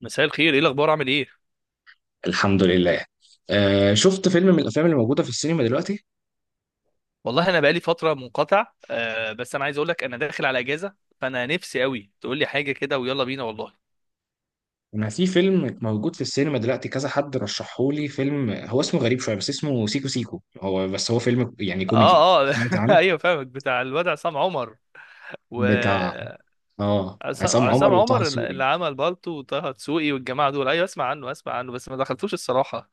مساء الخير، ايه الاخبار؟ عامل ايه؟ الحمد لله. شفت فيلم من الافلام اللي موجوده في السينما دلوقتي. والله انا بقالي فتره منقطع، آه، بس انا عايز اقول لك انا داخل على اجازه، فانا نفسي قوي تقول لي حاجه كده ويلا بينا والله. انا في فيلم موجود في السينما دلوقتي، كذا حد رشحهولي فيلم، هو اسمه غريب شويه بس اسمه سيكو سيكو، هو فيلم اه كوميدي، اه سمعت عنه؟ ايوه فاهمك، بتاع الواد عصام عمر و بتاع اه عصام عمر عصام وطه عمر دسوقي. اللي عمل بالطو وطه دسوقي والجماعه دول. ايوه، اسمع عنه، اسمع عنه، بس ما دخلتوش الصراحه.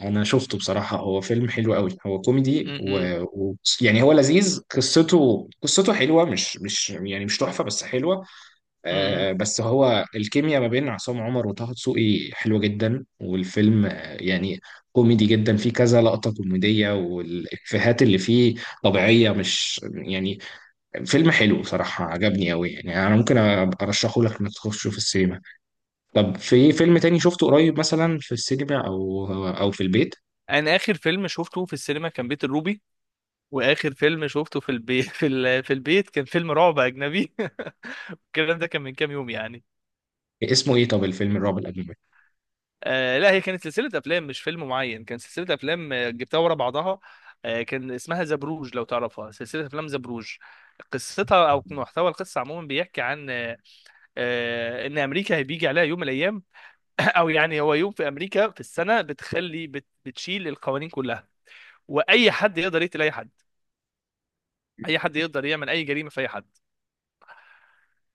انا شفته بصراحه، هو فيلم حلو قوي، هو كوميدي و... امم و... يعني هو لذيذ، قصته حلوه، مش يعني مش تحفه بس حلوه. امم بس هو الكيمياء ما بين عصام عمر وطه دسوقي حلوة جدا، والفيلم يعني كوميدي جدا، فيه كذا لقطة كوميدية، والإفيهات اللي فيه طبيعية، مش يعني. فيلم حلو بصراحة، عجبني أوي، يعني أنا ممكن أبقى أرشحه لك إنك تخشه في السينما. طب في فيلم تاني شفته قريب مثلا في السينما أو في البيت؟ انا اخر فيلم شفته في السينما كان بيت الروبي، واخر فيلم شفته في البيت في البيت كان فيلم رعب اجنبي. الكلام ده كان من كام يوم يعني. اسمه إيه طب الفيلم الرعب الأجنبي؟ آه لا، هي كانت سلسلة أفلام مش فيلم معين، كان سلسلة أفلام، جبتها ورا بعضها. آه، كان اسمها زبروج لو تعرفها، سلسلة أفلام زبروج. قصتها أو محتوى القصة عموما بيحكي عن إن أمريكا بيجي عليها يوم من الأيام. أو يعني هو يوم في أمريكا في السنة بتخلي بتشيل القوانين كلها، وأي حد يقدر يقتل أي حد، أي حد يقدر يعمل أي جريمة في أي حد.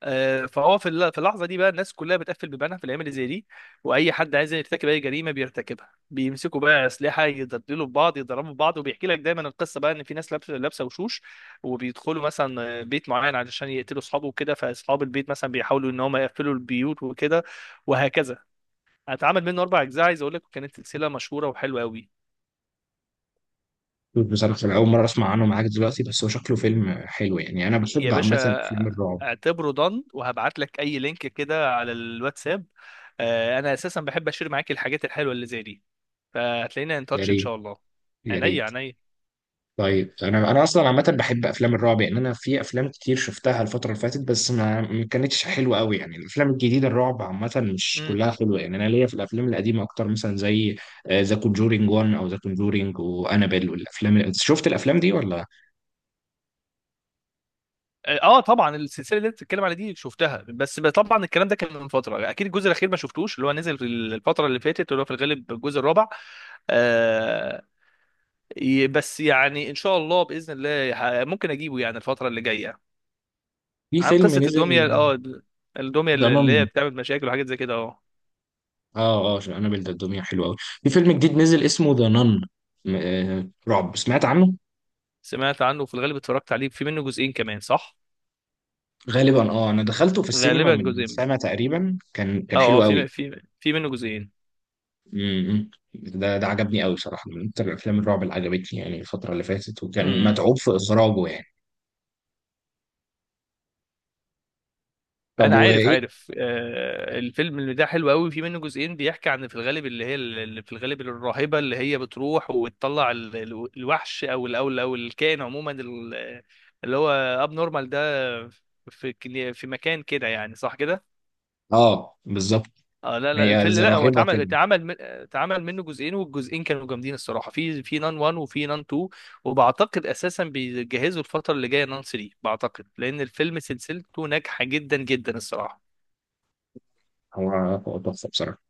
آه، فهو في اللحظه دي بقى الناس كلها بتقفل بيبانها في الايام اللي زي دي، واي حد عايز يرتكب اي جريمه بيرتكبها. بيمسكوا بقى اسلحه يضربوا في بعض يضربوا في بعض، وبيحكي لك دايما القصه بقى ان في ناس لابسه وشوش وبيدخلوا مثلا بيت معين علشان يقتلوا اصحابه وكده، فاصحاب البيت مثلا بيحاولوا ان هم يقفلوا البيوت وكده وهكذا. هتعمل منه اربع اجزاء، عايز اقول لك كانت سلسله مشهوره وحلوه قوي. بصراحة أنا أول مرة أسمع عنه معاك دلوقتي، بس هو شكله فيلم حلو، يعني أنا يا بحب عامة باشا، أفلام الرعب. اعتبره ضن، وهبعت لك اي لينك كده على الواتساب. آه، انا اساسا بحب اشير معاك الحاجات الحلوه اللي زي دي، فهتلاقينا ان يا تاتش ان ريت. شاء الله. يا عينيا ريت. عينيا. طيب، انا اصلا عامه بحب افلام الرعب، يعني انا في افلام كتير شفتها الفتره اللي فاتت بس ما كانتش حلوه قوي، يعني الافلام الجديده الرعب عامه مش امم. كلها حلوه، يعني انا ليا في الافلام القديمه اكتر، مثلا زي ذا كونجورينج 1 او ذا كونجورينج وانابيل والافلام شفت الافلام دي ولا؟ اه، آه، طبعا السلسله اللي انت بتتكلم عليها دي شفتها، بس طبعا الكلام ده كان من فتره اكيد. الجزء الاخير ما شفتوش، اللي هو نزل في الفتره اللي فاتت، اللي هو في الغالب الجزء الرابع. آه. بس يعني ان شاء الله باذن الله ممكن اجيبه يعني الفتره اللي جايه. في عن فيلم قصه الدميه، نزل، اه، الدميه ذا اللي هي نن. بتعمل مشاكل وحاجات زي كده، اه. اه اه، انابيل ده الدنيا حلوه قوي. في فيلم جديد نزل اسمه ذا نن، رعب، سمعت عنه؟ سمعت عنه، في الغالب اتفرجت عليه، في منه جزئين كمان صح؟ غالبا اه، انا دخلته في السينما غالبا من جزئين. سنه تقريبا، كان اه اه، حلو قوي. في منه جزئين. امم، ده عجبني قوي بصراحه، من اكتر الافلام الرعب اللي عجبتني يعني الفتره اللي فاتت، وكان متعوب في اخراجه يعني. طب انا عارف وايه؟ عارف، آه، الفيلم اللي ده حلو قوي، في منه جزئين، بيحكي عن في الغالب اللي هي اللي في الغالب الراهبه، اللي هي بتروح وتطلع الوحش، او الكائن عموما، اللي هو اب نورمال ده، في مكان كده، يعني صح كده؟ اه بالظبط. اه لا لا، هي الفيلم زي لا، هو راهبه كده. اتعمل منه جزئين، والجزئين كانوا جامدين الصراحه، في في نان 1 وفي نان 2. وبعتقد اساسا بيجهزوا الفتره اللي جايه نان 3، بعتقد لان الفيلم سلسلته ناجحه جدا جدا الصراحه. هو هو تحفه بصراحه.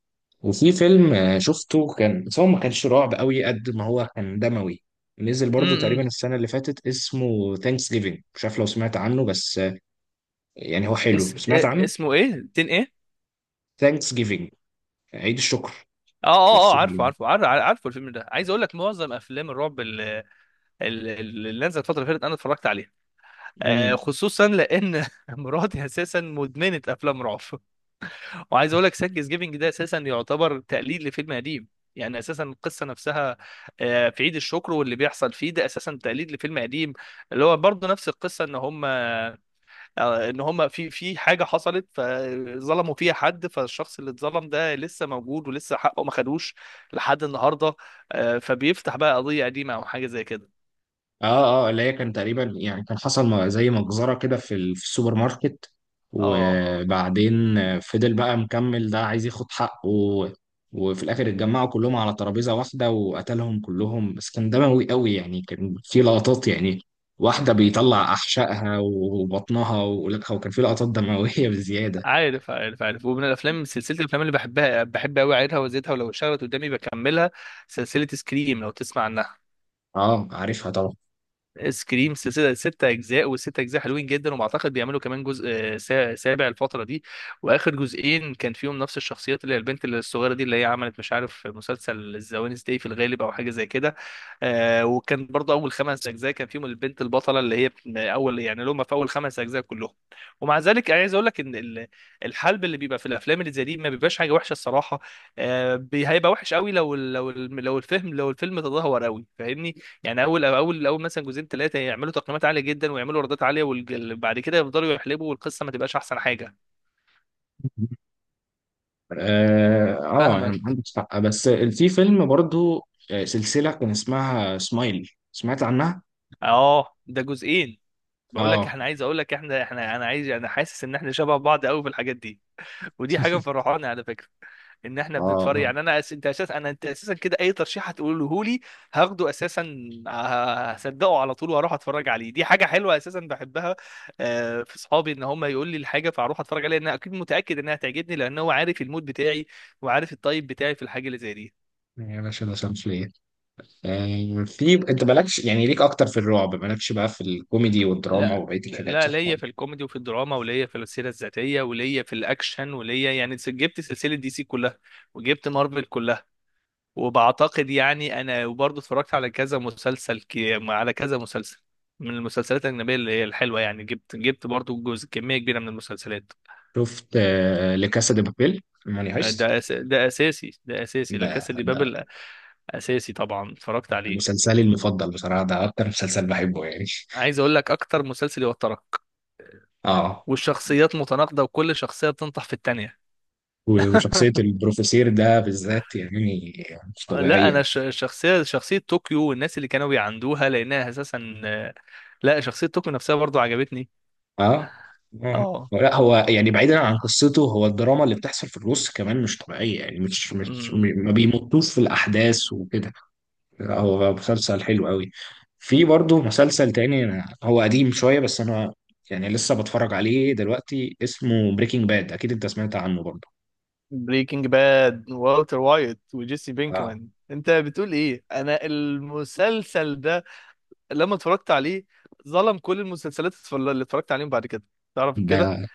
وفي فيلم شفته كان، بس هو ما كانش رعب قوي قد ما هو كان دموي، نزل برضو تقريبا السنه اللي فاتت، اسمه ثانكس جيفينج، مش عارف لو سمعت عنه، بس يعني هو حلو. اس... سمعت إيه- عنه؟ اسمه ايه؟ تين ايه؟ ثانكس جيفينج، عيد الشكر. اه اه بس اه عارفه بالليل. عارفه عارفه عارفه، الفيلم ده عايز اقول لك. معظم افلام الرعب اللي نزلت الفتره اللي فاتت انا اتفرجت عليها، آه، خصوصا لان مراتي اساسا مدمنه افلام رعب. وعايز اقول لك سانكس جيفنج ده اساسا يعتبر تقليد لفيلم قديم، يعني اساسا القصه نفسها. آه، في عيد الشكر واللي بيحصل فيه، ده اساسا تقليد لفيلم قديم، اللي هو برضه نفس القصه، ان هم آه، ان هم في في حاجه حصلت فظلموا فيها حد، فالشخص اللي اتظلم ده لسه موجود ولسه حقه ما خدوش لحد النهارده. آه، فبيفتح بقى قضيه قديمه او حاجه زي كده. اه اه، اللي هي كان تقريبا يعني كان حصل زي مجزرة كده في في السوبر ماركت، اه. اه وبعدين فضل بقى مكمل، ده عايز ياخد حقه وفي الاخر اتجمعوا كلهم على ترابيزة واحدة وقتلهم كلهم، بس كان دموي قوي يعني، كان في لقطات يعني، واحدة بيطلع أحشائها وبطنها ولكها، وكان في لقطات دموية بزيادة. عارف عارف عارف. ومن الافلام، سلسله الافلام اللي بحبها، بحب قوي اعيدها وازيدها، ولو اشتغلت قدامي بكملها، سلسله سكريم لو تسمع عنها. اه عارفها طبعا. سكريم سلسله ست اجزاء، والست اجزاء حلوين جدا، وبعتقد بيعملوا كمان جزء، آه، سابع الفتره دي. واخر جزئين كان فيهم نفس الشخصيات، اللي هي البنت الصغيره دي، اللي هي عملت مش عارف مسلسل الزوانس داي في الغالب او حاجه زي كده. آه، وكان برضه اول خمس اجزاء كان فيهم البنت البطله، اللي هي اول يعني اللي هم في اول خمس اجزاء كلهم. ومع ذلك عايز اقول لك ان الحلب اللي بيبقى في الافلام اللي زي دي ما بيبقاش حاجه وحشه الصراحه. آه، هيبقى وحش قوي لو لو لو الفهم لو الفيلم تدهور قوي، فاهمني؟ يعني اول مثلا جزئين ثلاثه يعملوا تقييمات عاليه جدا ويعملوا ايرادات عاليه، وبعد كده يفضلوا يحلبوا والقصه ما تبقاش احسن حاجه. اه، يعني فاهمك. عندك حق، بس في فيلم برضو، سلسلة كان اسمها سمايل، سمعت عنها؟ اه ده جزئين. بقول لك اه. احنا، عايز اقول لك احنا، انا حاسس ان احنا شبه بعض قوي في الحاجات دي، ودي حاجه مفرحاني على فكره، ان احنا اه. بنتفرج. آه. يعني انا أس... انت اساسا انا انت اساسا كده اي ترشيح هتقوله لي هاخده اساسا، ه- هصدقه على طول واروح اتفرج عليه. دي حاجه حلوه اساسا بحبها، آه، في صحابي ان هم يقول لي الحاجه فاروح اتفرج عليها، لان اكيد متاكد انها تعجبني، لان هو عارف المود بتاعي وعارف الطيب بتاعي في الحاجه اللي زي دي. يا باشا ده شمسية. آه، في انت مالكش يعني، ليك اكتر في الرعب، مالكش بقى في الكوميدي والدراما لا وبقية الحاجات، لا، صح؟ ليا في الكوميدي وفي الدراما، وليا في السيره الذاتيه، وليا في الاكشن، وليا يعني جبت سلسله دي سي كلها، وجبت مارفل كلها. وبعتقد يعني انا وبرضه اتفرجت على كذا مسلسل، على كذا مسلسل من المسلسلات الاجنبيه، اللي هي الحلوه يعني. جبت جبت برضه جزء كميه كبيره من المسلسلات. شفت آه لكاسا دي بابيل، موني هايست؟ ده اساسي، ده اساسي، لا ده كاسا دي ده بابل اساسي طبعا، اتفرجت عليه. مسلسلي المفضل بصراحة، ده اكتر مسلسل بحبه يعني. عايز اقول لك اكتر مسلسل يوترك، اه. والشخصيات متناقضه، وكل شخصيه بتنطح في التانيه. و- وشخصية البروفيسير ده بالذات يعني مش طبيعية لا، انا يعني. شخصيه طوكيو والناس اللي كانوا بيعندوها، لانها اساسا، لا شخصيه طوكيو نفسها برضو عجبتني. اه اه، اه. لا هو يعني بعيدا عن قصته، هو الدراما اللي بتحصل في النص كمان مش طبيعية، يعني مش ما بيمطوش في الأحداث وكده. هو مسلسل حلو قوي. في برضه مسلسل تاني، هو قديم شوية بس أنا يعني لسه بتفرج عليه دلوقتي، اسمه بريكنج باد، أكيد أنت سمعت عنه برضه. بريكنج باد، والتر وايت وجيسي اه. بينكمان، انت بتقول ايه؟ انا المسلسل ده لما اتفرجت عليه ظلم كل المسلسلات اللي اتفرجت عليهم بعد كده، تعرف كده؟ ده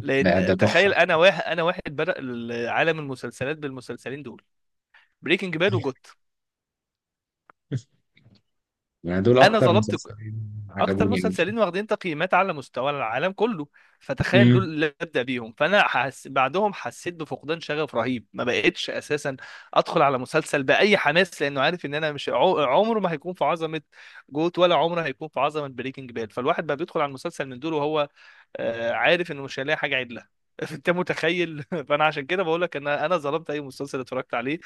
لان ده تخيل، تحفة. انا واحد بدأ عالم المسلسلات بالمسلسلين دول، بريكنج باد وجوت. يعني دول انا أكتر ظلمت مسلسلين اكتر عجبوني أوي. مسلسلين واخدين تقييمات على مستوى العالم كله، فتخيل دول امم. اللي ابدا بيهم، بعدهم حسيت بفقدان شغف رهيب، ما بقتش اساسا ادخل على مسلسل باي حماس، لانه عارف ان انا مش عمره ما هيكون في عظمه جوت، ولا عمره هيكون في عظمه بريكنج باد. فالواحد بقى بيدخل على المسلسل من دول وهو آه، عارف انه مش هيلاقي حاجه عدله. انت متخيل؟ فانا عشان كده بقول لك ان انا ظلمت اي مسلسل اتفرجت عليه،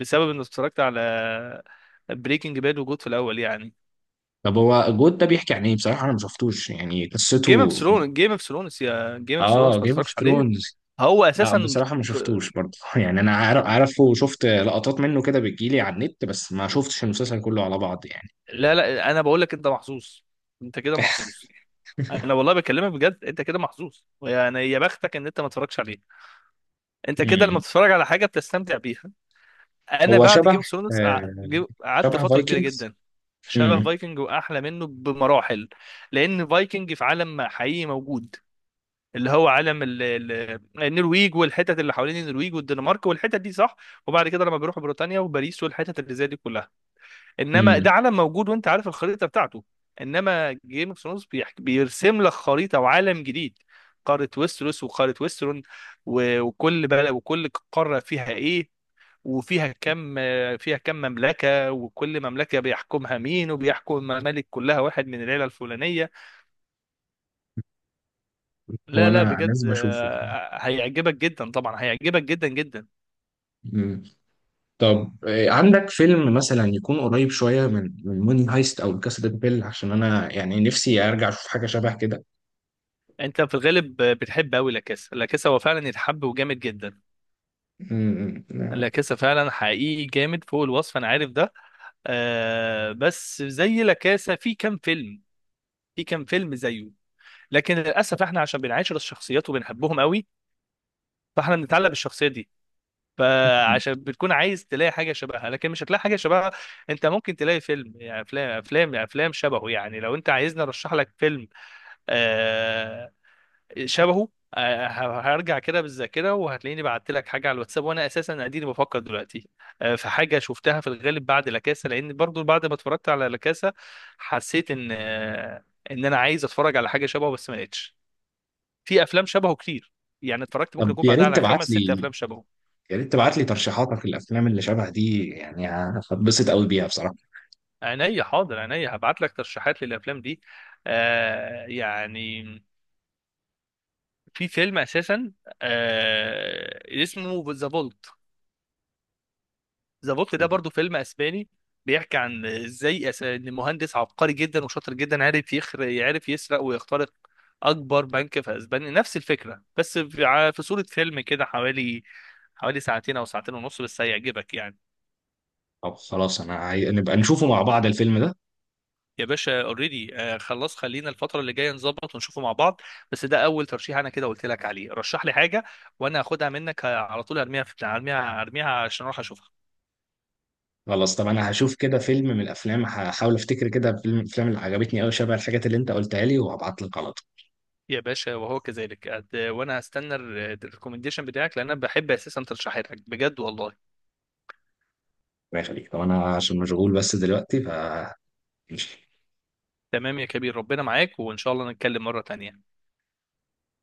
بسبب انه اتفرجت على بريكنج باد وجود في الاول يعني. طب هو جود ده بيحكي عن إيه؟ بصراحة أنا ما شفتوش يعني جيم اوف قصته. ثرونز، جيم اوف ثرونز، يا جيم اوف ثرونز آه، ما جيم اوف تتفرجش عليه. ثرونز. هو لا اساسا بصراحة ما ك- شفتوش برضه، يعني أنا عارف عارفه، وشفت لقطات منه كده بتجيلي على النت، بس ما شفتش المسلسل كله على بعض يعني. لا لا، انا بقول لك انت محظوظ، انت كده محظوظ، انا والله بكلمك بجد، انت كده محظوظ يعني، يا بختك ان انت ما تتفرجش عليه. انت كده لما بتتفرج على حاجه بتستمتع بيها. انا هو بعد شبه، جيم اوف ثرونز آه قعدت شبه فتره كبيره فايكنجز. جدا. شبه امم. فايكنج، واحلى منه بمراحل، لان فايكنج في عالم حقيقي موجود، اللي هو علم النرويج والحتت اللي حوالين النرويج والدنمارك والحتت دي، صح؟ وبعد كده لما بيروحوا بريطانيا وباريس والحتت اللي زي دي كلها، انما امم. ده علم موجود وانت عارف الخريطه بتاعته. انما جيم اوف ثرونز بيرسم لك خريطه وعالم جديد، قاره ويستروس وقاره ويسترون، وكل بلد وكل قاره فيها ايه، وفيها كم، فيها كم مملكه، وكل مملكه بيحكمها مين، وبيحكم الممالك كلها واحد من العيله الفلانيه. هو لا لا انا بجد، لازم اشوفه. آه، هيعجبك جدا، طبعا هيعجبك جدا جدا. امم. طب آه، عندك فيلم مثلا يكون قريب شويه من موني هايست او كاسا دي بيل؟ عشان انا يعني نفسي ارجع اشوف حاجه شبه كده. انت في الغالب آه، بتحب قوي لاكاسا. لاكاسا هو فعلا يتحب وجامد جدا، امم. لاكاسا فعلا حقيقي جامد فوق الوصف، انا عارف ده. آه، بس زي لاكاسا في كام فيلم، في كام فيلم زيه، لكن للاسف احنا عشان بنعاشر الشخصيات وبنحبهم قوي، فاحنا بنتعلق بالشخصيه دي، فعشان بتكون عايز تلاقي حاجه شبهها، لكن مش هتلاقي حاجه شبهها. انت ممكن تلاقي فيلم، يعني افلام يعني افلام شبهه. يعني لو انت عايزني ارشح لك فيلم آه، شبهه آه، هرجع كده بالذاكره، وهتلاقيني بعت لك حاجه على الواتساب، وانا اساسا اديني بفكر دلوقتي. آه، في حاجه شفتها في الغالب بعد لاكاسا، لان برضو بعد ما اتفرجت على لاكاسا حسيت ان آه، ان انا عايز اتفرج على حاجه شبهه، بس ما لقيتش. في افلام شبهه كتير، يعني اتفرجت ممكن طب يكون يا بعدها ريت على تبعت خمس ست لي، افلام شبهه. يا ريت تبعت لي ترشيحاتك للافلام اللي شبه دي، يعني هتبسط قوي بيها بصراحه. عينيا حاضر، عينيا هبعت لك ترشيحات للافلام دي. آه يعني، في فيلم اساسا آه اسمه ذا فولت، ذا فولت ده برضو فيلم اسباني، بيحكي عن ازاي ان مهندس عبقري جدا وشاطر جدا عارف يعرف يسرق ويخترق اكبر بنك في اسبانيا. نفس الفكره بس في في صوره فيلم كده، حوالي حوالي ساعتين او ساعتين ونص، بس هيعجبك يعني. طب خلاص انا نبقى نشوفه مع بعض الفيلم ده. يا باشا اوريدي خلاص، خلينا الفترة اللي جاية نظبط ونشوفه مع بعض. بس ده أول ترشيح أنا كده قلت لك عليه، رشح لي حاجة وأنا هاخدها منك آه، على طول أرميها في بتاع، أرميها عشان أروح أشوفها. خلاص، طب انا هشوف كده فيلم من الافلام، هحاول افتكر كده فيلم من الافلام اللي عجبتني قوي شبه الحاجات اللي انت قلتها لي وهبعت لك على طول. يا باشا وهو كذلك. وأنا هستنى الريكومنديشن بتاعك، لأن أنا بحب أساسا ترشيحاتك بجد والله. الله يخليك. طب انا عشان مشغول بس دلوقتي ف ماشي. تمام يا كبير، ربنا معاك، وإن شاء الله نتكلم مرة تانية.